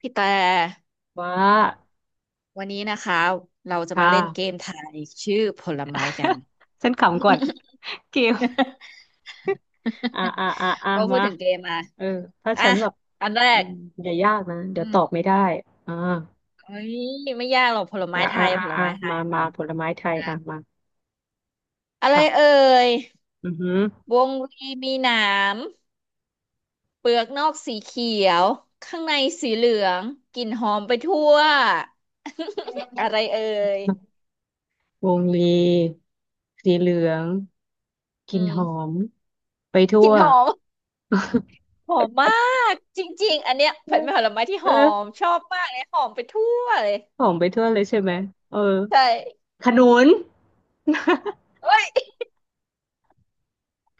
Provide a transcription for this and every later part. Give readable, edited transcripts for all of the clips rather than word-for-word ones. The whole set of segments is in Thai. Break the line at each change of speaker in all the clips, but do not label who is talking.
พี่แต่
ว่า
วันนี้นะคะเราจะ
ค
มาเล่นเก
่ะ
มทายชื่อผลไม้กัน
ฉันขำก่อนกิว
พอพูด
มา
ถึงเกมอ่ะ
เออถ้า
อ่ะ
ฉันแบบ
อันแร
อื
ก
มอย่ายากนะ เดี๋
อื
ยว
ม
ตอบไม่ได้ อ่า
เฮ้ยไม่ยากหรอกผลไม้ไทยผล
อ่ะ
ไม้ไทย
มา
กั
มา
น
ผลไม้ไทย
อ่ะ
อ่ะมา
อะไร
ค่ะ
เอ่ย
อือหือ
วงรีมีหนามเปลือกนอกสีเขียวข้างในสีเหลืองกลิ่นหอมไปทั่ว อะไรเอ่ย
วงลีสีเหลืองก
อื
ลิ่น
ม
หอม ไปทั่
กลิ่
ว
นหอม หอมมากจริงๆอันเนี้ยเป็นผลไม้ที่หอม
เออ
ชอบมากเลยหอมไปทั่วเลย
หอมไปทั่วเลยใช่ไหม เออ
ใช่
ขนุน
เอ้ย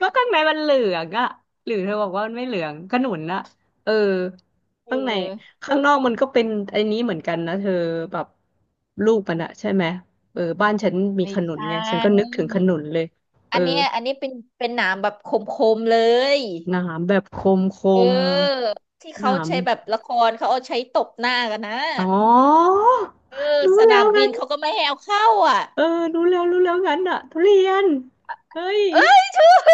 ก็ข้างในมันเหลืองอะหรือเธอบอกว่ามันไม่เหลือง ขนุนอะเออ
เอ
ข้างใน
อ
ข้างนอกมันก็เป็นไอ้นี้เหมือนกันนะเธอแบบลูกมันอะใช่ไหมเออบ้านฉันมี
ไม่
ขนุ
ใช
นไงฉันก็นึก
่
ถึงขนุนเลยเอ
อั
อ
นเนี้ยอันนี้เป็นหนามแบบคมๆเลย
หนามแบบคมค
เ
ม
ออที่
ห
เขา
นาม
ใช้แบบละครเขาเอาใช้ตบหน้ากันนะ
อ๋อ
เออ
รู้
ส
แล้
นา
ว
มบิ
งั้
น
น
เขาก็ไม่ให้เอาเข้าอ่ะ
เออรู้แล้วรู้แล้วงั้นอะทุเรียนเฮ้ย
เอ้ยถูกเ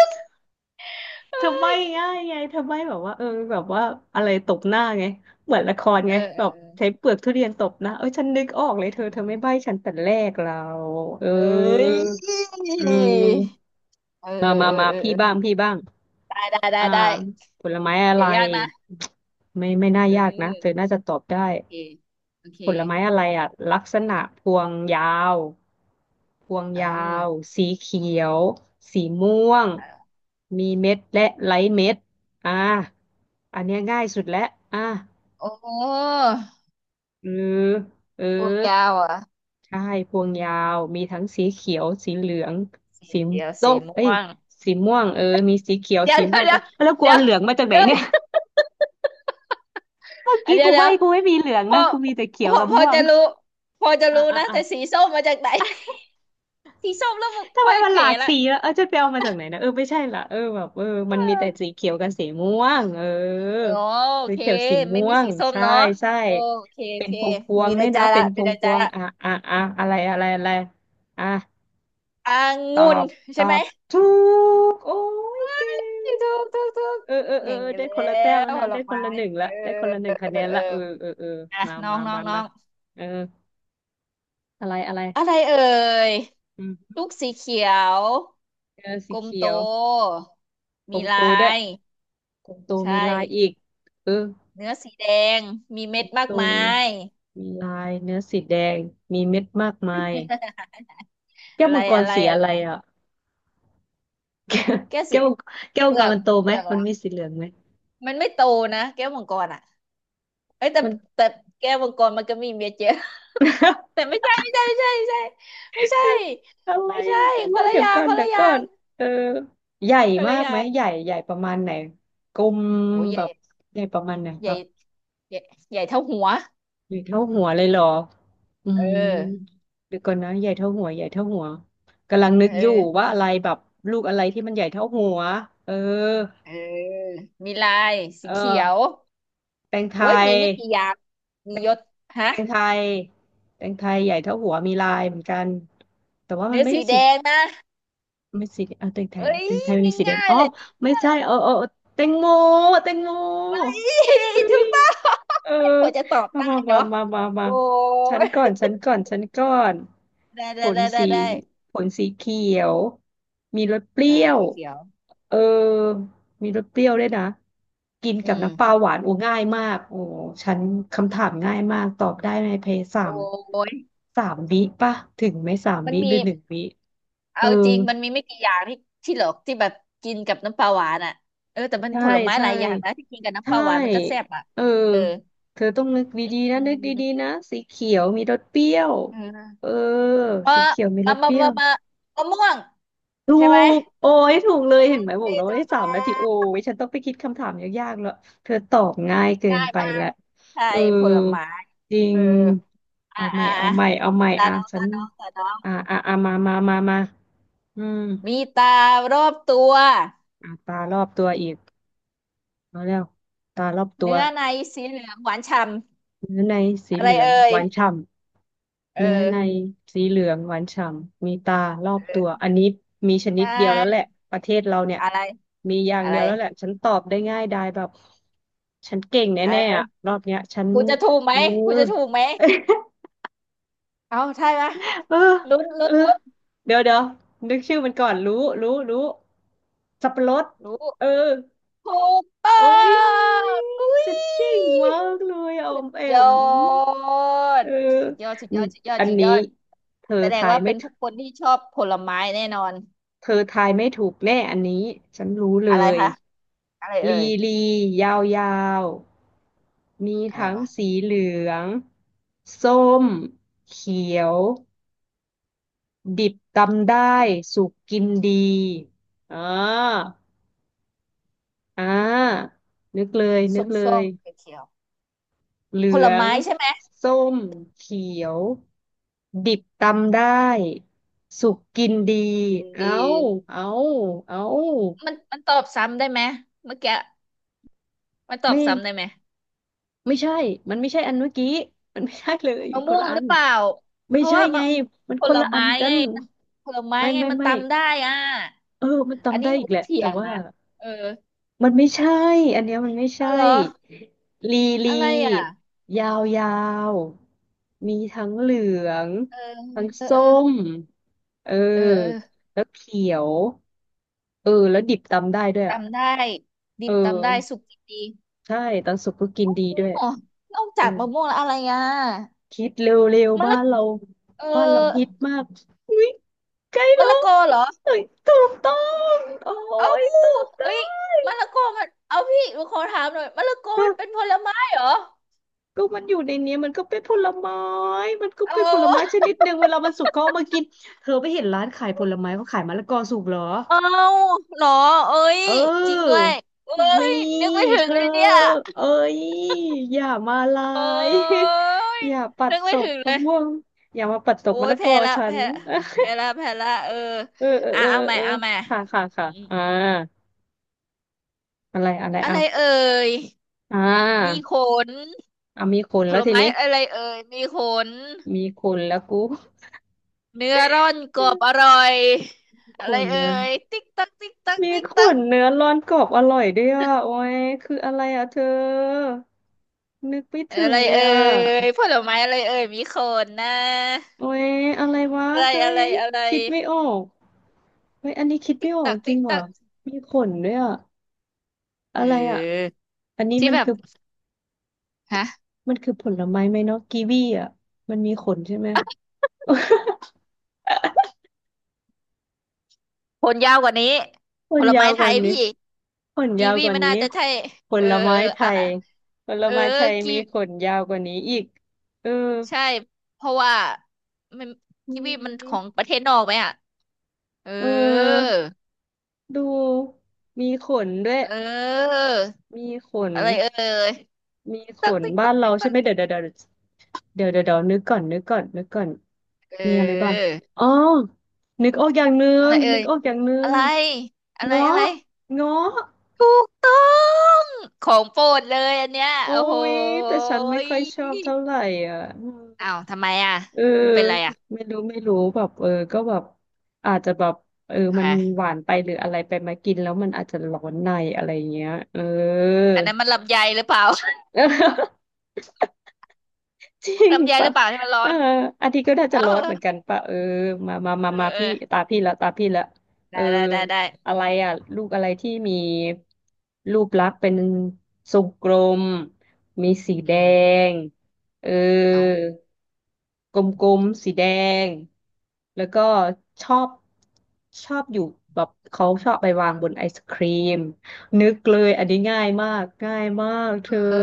อ
เธอใบ้
อ
ง่ายไงเธอใบ้แบบว่าเออแบบว่าอะไรตบหน้าไงเหมือนละคร
เอ
ไง
อเอ
แบบ
อ
ใช้เปลือกทุเรียนตบหน้าเอ้ยฉันนึกออกเลยเธ
อื
อเธอไม่
ม
ใบ้ฉันแต่แรกเราเออ
เอ้ย
เออ
เออ
มมามา
เออ
มา
เออ
พี่
เออ
บ้างพี่บ้าง
ได้ได้ได้
อ่า
ได้
ผลไม้อะ
อ
ไร
ย่ายากนะ
ไม่ไม่น่า
เอ
ยากนะเธอ
อ
น่าจะตอบได้
เคโอเค
ผลไม้อะไรอ่ะลักษณะพวงยาวพวง
เอา
ยาวสีเขียวสีม่วง
เอา
มีเม็ดและไร้เม็ดอ่าอันเนี้ยง่ายสุดแล้วอ่า
โอ้โห
เออเออ
ตัวยาวอ่ะ
ใช่พวงยาวมีทั้งสีเขียวสีเหลือง
สี
สี
เขียว
ส้
สี
มเอ้
ม่
ย
วง
สีม่วงเออมีสีเขียว
เดี๋ยว
สี
เดี๋
ม่
ย
ว
ว
งเอ
เดี๋ย
อ
ว
แล้วกู
เดี๋ย
เอา
ว
เหลืองมาจากไหน
เดี๋
เนี่ย
ยว
เมื่อ
อ่ะ
กี้
เดี๋ย
กู
วเดี๋ย
ใบ้
ว
กูไม่มีเหลือง
พอ
นะกูมีแต่เขี
พ
ยว
อ
กับ
พอ
ม่วง
จะรู้พอจะ
อ่ะ
รู้
อ่ะ
นะ
อ่ะ
แต่สีส้มมาจากไหนสีส้มแล้ว
ทำ
ค่
ไม
อย
มัน
เข
ห
ว
ลาก
ละ
สีละเออจะไปเอามาจากไหนนะเออไม่ใช่ละเออแบบ
เ
มันมี
ออ
แต่สีเขียวกับสีม่วงเออ
โอโอ
สี
เค
เขียวสี
ไม่
ม่ว
มี
ง
สีส้ม
ใช่
เนาะ
ใช่
โอเคโอ
เป็น
เค
พวงพวง
มีใน
ด้วย
ใจ
นะเป็
ละ
นพ
มี
วง
ใน
พ
ใจ
วง
ละ
อ่ะอ่ะอ่ะอะไรอะไรอะไรอ่ะ
อ่า
ตอ
งุ่น
บต
ใช่
อ
ไหม
บถูกโอ้ยเก่ง
ถูกถูกถูกถูก
เออเออเออ
เก่ง
เออได้
แล้
คนละแต้มแล้
ว
ว
ผ
นะ
ล
ได้คน
ไม้
ละหนึ่ง
เอ
ละ
อ
ได้คนละหนึ่ง
เอ
คะ
อ
แนน
เออ
ละเออเออเออ
อ่ะ
มา
น้อง
มา
น้อง
มา
น้อ
มา
ง
เอออะไรอะไร
อะไรเอ่ย
อืม
ลูกสีเขียว
เออสี
กลม
เขี
โต
ยวกล
มี
มโต
ลา
ด้วย
ย
ตรงตว
ใช่
มีลายอีกเออ
เนื้อสีแดงมีเม็ดมา
ต
ก
ร
มา
ง
ย
มีลายเนื้อสีแดง มีเม็ดมากมายแก้
อะ
ว
ไร
มังก
อะ
ร
ไร
สี
อะ
อะ
ไร
ไรอ่ะ
แก้วสี
แก้วแก้ว
เป
มัง
ลื
ก
อ
ร
ก
มันโตไห
เป
ม
ลือก
มัน
ละ
มีสีเหลืองไหม
มันไม่โตนะแก้วมังกรอ่ะเอ้ยแต่
มัน
แต่แก้วมังกรมันก็มีเม็ดเยอะ แต่ไม่ใช่ไม่ใช่ไม่ใช่ไม่ใช่
อะไร
ไม่ใช่
มันกัน
ไม่ใช่คน
นะ
ละ
เดี๋
อ
ยว
ย่าง
ก่อ
ค
น
น
เดี๋
ละ
ยว
อย่า
ก่อ
ง
น เออ ใหญ่
คน
มา
ละ
ก
อย่า
ไหม
ง
ใหญ่ใหญ่ประมาณไหนกลม
โอ้ยให
แบ
ญ่
บใหญ่ประมาณไหน
ให
แบ
ญ่
บ
ใหญ่ใหญ่เท่าหัว
ใหญ่เท่าหัวเลยเหรออื
เอ
ม
อ
เดี๋ยวก่อนนะใหญ่เท่าหัวใหญ่เท่าหัว กำลังนึ
เอ
กอยู่ว่า
อ
อะไรแบบลูกอะไรที่มันใหญ่เท่าหัวเออ
เออมีลายสี
เออ
เขียว
แตงไท
โอ้ย
ย
มีไม่กี่อย่าง
แต
มี
ง
ยศ
แต
ฮะ
งไทยแตงไทยใหญ่เท่าหัวมีลายเหมือนกันแต่ว่ามัน
เนื้อ
ไม่
สี
ได้
แด
สี
งนะ
ไม่สีเออแตงไท
เอ้
ย
ย
แตงไทยมันมีสีแดง
ง่าย
อ๋อ
ๆเลย
ไม่ใช่เออเออเออแตงโมแตงโม
เอ้ยถูกต้อง
เออ
กว่าจะตอบ
มา
ได้
มามา
เนาะ
มามามา
โอ้
ฉัน
ย
ก่อนฉันก่อนฉันก่อน
ได้
ผ
ได้
ล
ได้ได้
สี
ได้
ผลสีเขียว มีรสเป
เอ
รี้
อ
ยว
สีเขียว
เออ มีรสเปรี้ยวด้วยนะกิน
อื
กับ
ม
น้ำปลาหวานโอ้ง่ายมากโอ้ฉันคำถามง่ายมาก ตอบได้ในเพยสา
โอ
ม
้ย
สามวิป่ะถึงไหมสาม
มัน
วิห
มี
รือหนึ่งวิเอ
เอา
อ
จริงมันมีไม่กี่อย่างที่ที่หรอกที่แบบกินกับน้ำปลาหวานอ่ะเออแต่
ใช่
ผลไม้ห
ใช่
ลายอย่างนะที่กินกับน้ำป
ใช่
ลาหวานมันก็แซ่บอ่ะ
เออ
เออ
เธอต้องนึก
อ
ดีๆนะ
ื
นึกดี
ม
ๆนะสีเขียวมีรสเปรี้ยว
เ
เอ
ออ
อ
เออ
สีเขียวมีร
มา
สเป
มา
รี้ย
มามา
ว
มะม่วง
ถู
ใช่ไหม
กโอ้ยถูกเลยเห็นไหมบอก
ที่
แล้วว่า
ตัว
ได้
แม
สามนาทีโอ้
่
ยฉันต้องไปคิดคำถามยากๆแล้วเธอตอบง่ายเกิ
ได้
นไป
มาก
ละ
ใช่
เออ
ผลไม้
จริ
เอ
ง
ออ่า
เอาให
อ่า
ม่เอาใหม่เอาใหม่
ตา
อ่ะ
น้อง
ฉั
ตา
น
น้องตาน้อง
อ่ะอ่ะอ่ะมามามามาอืม
มีตารอบตัว
อ่ะตารอบตัวอีกเอาแล้วตารอบตัว
เนื้อในสีเหลืองหวานฉ่
เนื้อใน
ำ
สี
อะ
เห
ไร
ลือง
เอ่
ห
ย
วานฉ่ำ
เออ
เนื้อในสีเหลืองหวานฉ่ำมีตารอบตั
เออ
วอันนี้มีช
ใช
นิดเดียวแล้วแหละ
่
ประเทศเราเนี่ย
อะไร
มีอย่าง
อะ
เดี
ไร
ยวแล้วแหละฉันตอบได้ง่ายดายแบบฉันเก่ง
เอ
แน่ๆอะ
อ
รอบเนี้ยฉัน
กูจะถูกไห
เอ
ม
อ
คุูจะถูกไหม เอาใช่ไหม
เออ
ลุ้น
เอ
ลุ้
อ
นลุ้น
เดี๋ยวเดี๋ยวนึกชื่อมันก่อนรู้รู้รู้สับปะรด
รู้
เออ
ถูกต้อ
โอ้ย
งอุ้ย
ฉันเก่งมากเลยออมแอ
ยอ
มเอ
ด
อ
สุดยอดสุดยอดสุดยอด
อัน
สุดย
นี้
อด
เธอ
แสดง
ทาย
ว่า
ไม่
เป็น
ถ
ผู้คนที่ชอบผลไม้แน่นอน
เธอทายไม่ถูกแน่อันนี้ฉันรู้เล
อะไร
ย
คะอะไรเอ่
ลี
ย
ลียาวยาวมี
อะไร
ทั้ง
ปะ
สีเหลืองส้มเขียวดิบตำได้
กิน
สุกกินดีอ่าอ่านึกเลยนึ
ส้
ก
ม
เล
ส้
ย
มเขียวเขียว
เหลื
ๆผล
อง
ไม้ใช่ไหม
ส้มเขียวดิบตำได้สุกกินดี
กินดี
เอาเอาเอา
มันตอบซ้ำได้ไหมเมื่อกี้มันตอบ
ไม่
ซ้ำได้ไหม
ไม่ใช่ มันไม่ใช่อันเมื่อกี้ มันไม่ใช่เลย
มะ
ค
ม่
น
วง
ละอั
หรื
น
อเปล่า
ไม่
เพราะ
ใช่
ว่า
ไง
มะ
มัน
ผ
คน
ล
ละอั
ไม้
นกั
ไง
น
มันผลไม้
ไม่
ไง
ไม่
มัน
ไม่
ตำได้อ่ะ
เออมัน
อัน
จำ
นี้
ได้
หนู
อีกแหละ
เถี
แต่
ยง
ว่า
นะ เออ
มันไม่ใช่ อันเนี้ยมันไม่
อ้าวเห
ใช่
รอ
ลีลี
อะไรอ่ะ
ยาวยาวมีทั้งเหลือง
เออ
ทั้ง
เออเอ
ส้
อ
มเออ
เออเออ
แล้วเขียวเออแล้วดิบตำได้ด้วยอ่ะ
ตำได้ดิ
เอ
บตำได้
อ
สุกดี
ใช่ตอนสุกก็กินดีด้วย
อ๋อนอก
เอ
จา
อ
กมะม่วงแล้วอะไรอ่ะ
คิดเร็วๆ
มะ
บ้า
ละ
นเรา
เออ
ฮิตมากอุ้ยใกล้
มะ
แล้ว
ละกอเหรอ
เอ้ยถูกต้องโอ้
เอ้า
ยตอบได้
เอ้ยมะละกอมันเอาพี่หนูขอถามหน่อยมะละกอ
ก็
มันเป็นผลไม้เหรอ
ก็มันอยู่ในนี้มันก็เป็นผลไม้มันก็
โอ
เป็นผลไม้ช
้
นิดหนึ่งเวลามันสุกเขาเอามากินเธอไปเห็นร้านขายผลไม้เขาขายมะละกอสุกเหรอ
เอ้าเหรอเอ้ย
เอ
จริงด้
อ
วยเอ้
มี
ยนึกไม่ถึ
เธ
ง
อ
เลยเนี่ย
เอ้ยอย่ามาลา
โอ
ย
้ย
อย่าปัด
นึก
ต
ไม่
ก
ถึงเล
มะ
ย
ม่วงอย่ามาปัดตก
โอ้
มะ
ย
ละก
แพ้
อ
ละ
ฉัน
แพ้แพ้ละแพ้ละเออ
เออเออ
อ่ะ
เออ
เอาใหม่
เออ
เอาใหม่
ค่ะค่ะ
อื
ค่ะ
ม
อะไรอะไร
ๆอะ
อ่ะ
ไรเอ่ย
อ่
มี
า
ขน
อ่ะมีขน
ผ
แล้ว
ล
ที
ไม้
นี้
อะไรเอ่ยมีขน
มีขนแล้วกู
เนื้อร่อนกรอบอร่อย
ข
อะไร
น
เอ่
เนื้อ
ยติ๊กตักติ๊กตัก
มี
ติ๊ก
ข
ตัก
นเนื้อร้อนกรอบอร่อยด้วยอ่ะโอ้ยคืออะไรอ่ะเธอนึกไม่
อะ
ถึง
ไร
เลย
เอ่
อ่ะ
ยผลไม้อะไรเอ่ยมีขนนะ
โอ้ยอะไรวะ
อะไร
เฮ้
อะไร
ย
อะไร
คิดไม่ออกเฮ้ยอันนี้คิด
ติ๊
ไม่
ก
ออก
ตัก
จริ
ติ๊
ง
กตั
ว่ะ
ก
มีขนด้วยอ่ะอะ
เอ
ไรอ่ะ
อ
อันนี้
ที่แบบฮะ
มันคือผลไม้ไหมเนาะกีวีอ่ะมันมีขนใช่ไหม
ผลยาวกว่านี้
มั
ผ
น
ล
ยา
ไม้
วก
ไท
ว่า
ย
นี้
พี่
ขน
กี
ยาว
วี
กว่า
ไม่
นี้
น่าจะใช่
ผ
เออ
ลไม้
เออ
ไท
อ่ะ
ยผล
เออ
ไม้ไทย
กี
มีขนยาวกว่านี้อีกเออ
ใช่เพราะว่ามัน
ม
กีวีมันของ
ี
ประเทศนอกไหมอ่ะเออ
เออดูมีขนด้วย
เออ
มีขน
อะไรเอ่ยตักติ๊ก
บ้า
ตั
น
ก
เรา
ติ๊ก
ใช่
ตั
ไหม
ก
เดี๋ยวเดี๋ยวเดี๋ยวเดี๋ยวเดี๋ยวเดี๋ยวนึกก่อน
เ
มีอะไรบ้าง
ออ
อ๋อนึกออกอย่างหนึ
อะ
ง
ไรเอ่
นึ
ย
กออกอย่างหนึ
อะ
ง
ไรอะไรอะ
เงาะ
ไร
เงาะ
ถูกต้องของโปรดเลยอันเนี้ย
โอ้
โอ้โห
ยแต่ฉันไม่ค่อยชอบเท่าไหร่อ่ะ
อ้าวทำไมอ่ะ
เออ
มันเป็นไรอ่ะ
ไม่รู้แบบก็แบบอาจจะแบบเออ
ค
มันห
่ะ
วานไปหรืออะไรไปมากินแล้วมันอาจจะร้อนในอะไรเงี้ยเออ
อันนั้นมันลำไยหรือเปล่า
จริง
ลำไยห
ปะ
รือเปล่าที่มันร้อ
เออ
น
อาทิตย์ก็น่า
เออ
จะร้อนเหมือนกันปะเออมามามา
เอ
มา
อเออ
พี่ตาพี่ละเอ
ได้
อ
ได้ได้ได้
อะไรอ่ะ ลูกอะไรที่มีรูปลักษณ์เป็นทรงกลมมีสีแด
อืม
งเออ
เอา
กลมๆ สีแดง แล้วก็ชอบชอบอยู่แบบเขาชอบไปวางบนไอศครีม นึกเลยอันนี้ง่ายมากเธอ
เออ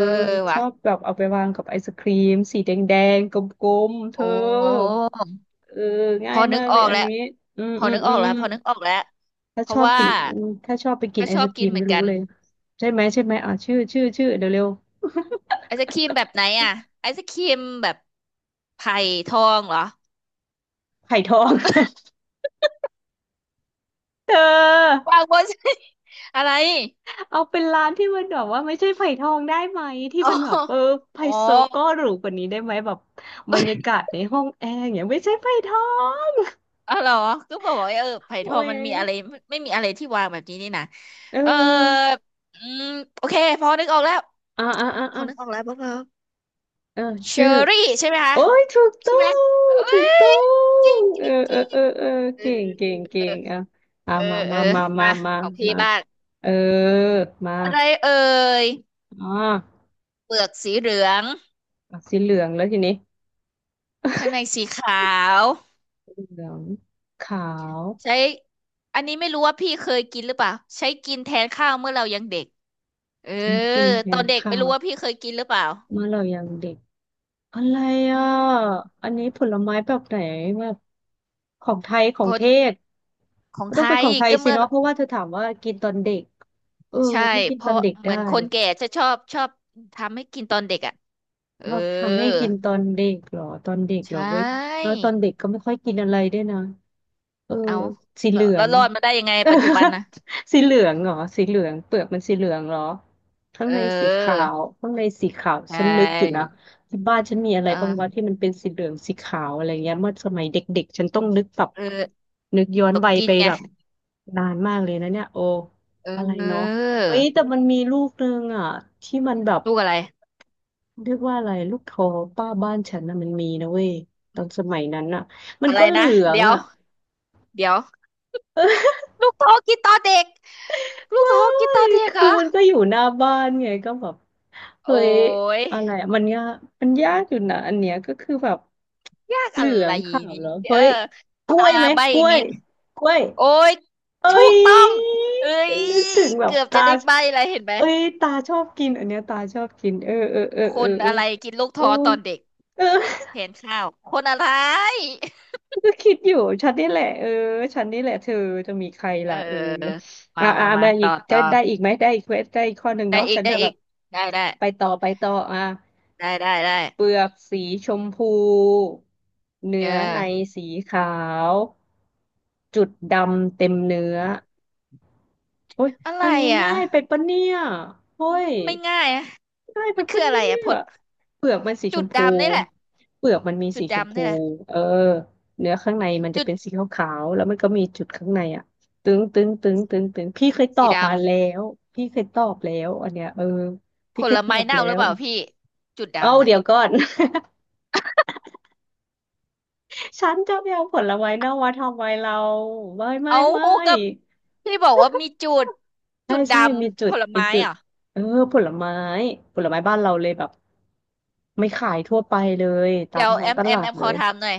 ช
วะ
อบแบบเอาไปวางกับไอศครีมสีแดงๆกลมๆเธอ
โอ้
เออ
พ
ง่า
อ
ย
นึ
มา
ก
ก
อ
เล
อ
ย
ก
อัน
แล้ว
นี้อืม
พอ
อืม
นึก
อื
ออกแล้ว
ม
พอนึกออกแล้ว
ถ้า
เพ
ช
ราะ
อบ
ว่า
กินอืมถ้าชอบไปกิน
ก็
ไอ
ชอ
ศ
บ
กรี
กิน
ม
เหมื
นี่
อน
รู้
กัน
เลยใช่ไหมใช่ไหมอ่ะชื่อชื่อชื่อเดี๋ยวเร็ว
ไอศครีมแบบไหนอ่ะไอศครีมแบบไผ่ทองเหรอ
ไผ่ทอง เธอ
วางบน อะไร
เอาเป็นร้านที่มันแบบว่าไม่ใช่ไผ่ทองได้ไหมที่
อ๋อ
มันแบ บเออไฮ
อ๋อ
โซก็หรูกว่านี้ได้ไหมแบบบรรยากาศในห้องแอร์อย่างเงี้ยไม่ใช่ไผ่ทอง
อ๋อเหรอก็บอกว่าเออไผ่
โอ้
ทอง
ย
มันมีอะไรไม่ไมมีอะไรที่วางแบบนี้นี่นะ
เอ
เออ
อ
อืมโอเคพอนึกออกแล้ว
อ่าอ่าอ่า
พอ
อ่า
นึกออกแล้วพวกเรา
เออ
เช
ชื่อ
อรี่ใช่ไหมคะ
โอ้ยถูกต้
ใช่
อ
ไหมเอ้
ง ถูกต้อ
ยจริ
ง
งจ
เออ
ริงจ
เออ
ริง
เออเออ
เอ
เก่งเก่ง
อ
เก่งอ่ะอ่ะ
เออ
มา
เออ
มามา
เออเออ
มา
มา
มา
ของพี่
มา
บ้าง
เออมา
อะไรเอ่ย
อ่า
เปลือกสีเหลือง
อ่ะสีเหลืองแล้วทีนี้
ข้างในสีขาว
เหลืองขาว
ใช้อันนี้ไม่รู้ว่าพี่เคยกินหรือเปล่าใช้กินแทนข้าวเมื่อเรายังเด็กเออ
ใช้กินแท
ตอ
น
นเด็ก
ข้า
ไม่
ว
รู้ว่าพี่เคยกินหรือเปล่า
เมื่อเรายังเด็ก อะไร
อื
อ่ะ
ม
อันนี้ผลไม้แบบไหนแบบของไทยขอ
ค
งเท
น
ศ
ของ
มันต้
ไท
องเป็น
ย
ของไทย
ก็
สิ
เมื่อ
เนาะเพราะว่าเธอถามว่ากินตอนเด็กเออ
ใช่
ถ้ากิน
เพ
ตอ
ราะ
นเด็ก
เหมื
ได้
อนคนแก่จะชอบชอบทำให้กินตอนเด็กอ่ะเอ
ช
อ
อบทำให้กินตอนเด็กเหรอตอนเด็ก
ใช
เหรอเว้ยแล้
่
วตอนเด็กก็ไม่ค่อยกินอะไรด้วยนะ เออ
เอา
สีเหลือ
แล้ว
ง
รอดมาได้ยังไง
เออ
ปัจจุบันนะ
สีเหลืองเหรอสีเหลืองเปลือกมันสีเหลืองเหรอข้าง
เ
ในสีขา
ออ
วข้างในสีขาว
ใช
ฉันนึกอยู่นะ
่
ที่บ้านฉันมีอะไรบ้างวะ
เออ
ที่มันเป็นสีเหลืองสีขาวอะไรเงี้ยเมื่อสมัยเด็กๆฉันต้องนึกแบบ
เออ
นึกย้อน
ตก
วัย
กิ
ไป
นไง
แบบนานมากเลยนะเนี่ยโอ
เ
อะไรเนาะ
ออ
เฮ้ยแต่มันมีลูกนึงอ่ะที่มันแบบ
ลูกอะไร
เรียกว่าอะไรลูกทอป้าบ้านฉันนะมันมีนะเว้ยตอนสมัยนั้นอ่ะมัน
อะไร
ก็เหลื
นะ
อง
เดี๋ยว
อ่ะ
เดี๋ยวลูกท้อกินตอนเด็กลูก
ไม่
ท้อกินตอนเด็กเหร
คือ
อ
มันก็อยู่หน้าบ้านไงก็แบบ
โอ้
เฮ้ย
ย
อะไรอะมันยากอยู่นะอันเนี้ยก็คือแบบ
ยาก
เห
อะ
ลือ
ไร
งขาว
นี้
แล้ว
เอ
เฮ้
อ
ยกล้
อ่า
วยไหม
ใบ
ก
อี
ล้
ก
วย
นิด
กล้วย
โอ้ย
เอ้
ถู
ย
กต้องเอ้ย
นึกถึงแบบ
เกือบจะ
ตา
ได้ใบ้อะไรเห็นไหม
เอ้ยตาชอบกินอันเนี้ยตาชอบกินเออเออเออ
ค
เออ
น
เออ
อะไรกินลูก
โอ้
ท้อตอนเด็ก
เออ
แทนข้าวคนอะไร
ก็คิดอยู่ฉันนี่แหละเออฉันนี่แหละเธอจะมีใคร
เ
ล่ะเออ
ออ
อ่า
มา
อ่า
มามา
มาอี
ต่
ก
อ
ได้
ต่อ
ได้อีกไหมได้อีกเวสได้อีกข้อหนึ่ง
ได้
เนาะ
อีก
ฉัน
ได้
จะแบ
อี
บ
กได้ได้
ไปต่ออ่ะ
ได้ได้ได้
เปลือกสีชมพู
เอ
เนื้อใน
อ
สีขาวจุดดำเต็มเนื้อ โอ้ย
อะไร
อันนี้
อ่ะ
ง่ายไปปะเนี่ย
อื
เอ้ย
มไม่ง่ายอะ
ง่ายไป
มันคือ
ปะ
อะไร
เนี่
อ่ะผ
ย
ล
เปลือกมันสีช
จุด
มพู
ดำนี่แหละ
เปลือกมันมี
จุ
สี
ด
ชม
ดำ
พู
นี่แหละ
เออเนื้อข้างในมันจะ
จุด
เป็นสีขาวๆ แล้วมันก็มีจุดข้างในอ่ะตึงตึงตึงตึงตึงพี่เคยตอ
สี
บมา
ดำ
แล้วพี่เคยตอบแล้วอันเนี้ยเออ
ผ
พี่เค
ล
ยตอ
ไม้
บ
เน่า
แล้
หรือ
ว
เปล่าพี่จุด
เอา
ดำน่ะ
เดี๋ยวก่อน ฉันจะไปเอาผลไม้เน่ามาทำไมเรา ไม่ไม่
เอา
ไม่
กับพี่บอกว่ามีจุด
ใช่
จุดด
ใช่มีจุ
ำผ
ด
ล
มี
ไม้
จุด
เหรอ
เออผลไม้บ้านเราเลยแบบไม่ขายทั่วไปเลยตา
เดี๋
ม
ยว
ท้อ
แอ
ง
ม
ต
แอ
ลา
มแอ
ด
ม
เล
ขอ
ย
ถามหน่อย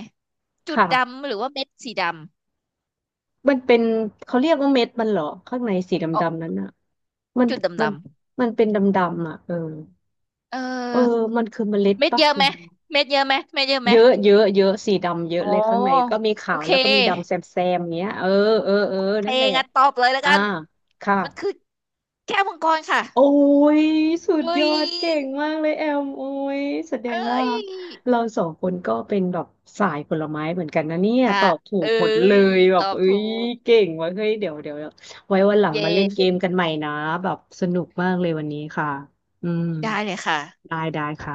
จุด
ค่ะ
ดำหรือว่าเม็ดสีด
มันเป็นเขาเรียกว่าเม็ดมันเหรอข้างในสีด
ำอ๋อ
ำๆนั้นอ่ะมัน
จุดดำ
มั
ด
นมันเป็นดำๆอ่ะเออ
ำเอ
เออ
อ
มันคือเมล็ด
เม็ด
ปะ
เยอะ
อื
ไหม
ม
เม็ดเยอะไหมเม็ดเยอะไหม
เยอะเยอะเยอะสีดำเยอะ
อ๋อ
เลยข้างในก็มีขา
โอ
ว
เค
แล้วก็มีดำแซมๆเนี้ยเออเออเออ
เค
นั่นแหละ
งั้นตอบเลยแล้ว
อ่า
กัน
ค่ะ
มันคือแก้วมังกรค่ะ
โอ้ยสุด
เอ้
ย
ย
อดเก่งมากเลยแอมโอ้ยแสด
เอ
ง
้
ว่า
ย
เราสองคนก็เป็นแบบสายผลไม้เหมือนกันนะเนี่ย
ค่ะ
ตอบถู
เอ้
กหมดเล
ย
ยแบ
ตอ
บ
บ
เอ้
ถู
ย
ก
เก่งว่ะเฮ้ยเดี๋ยวเดี๋ยวเดี๋ยวไว้วันหลัง
เย
มาเล่นเกมกั
้
นใหม่นะแบบสนุกมากเลยวันนี้ค่ะอืม
ได้เลยค่ะ
ได้ได้ค่ะ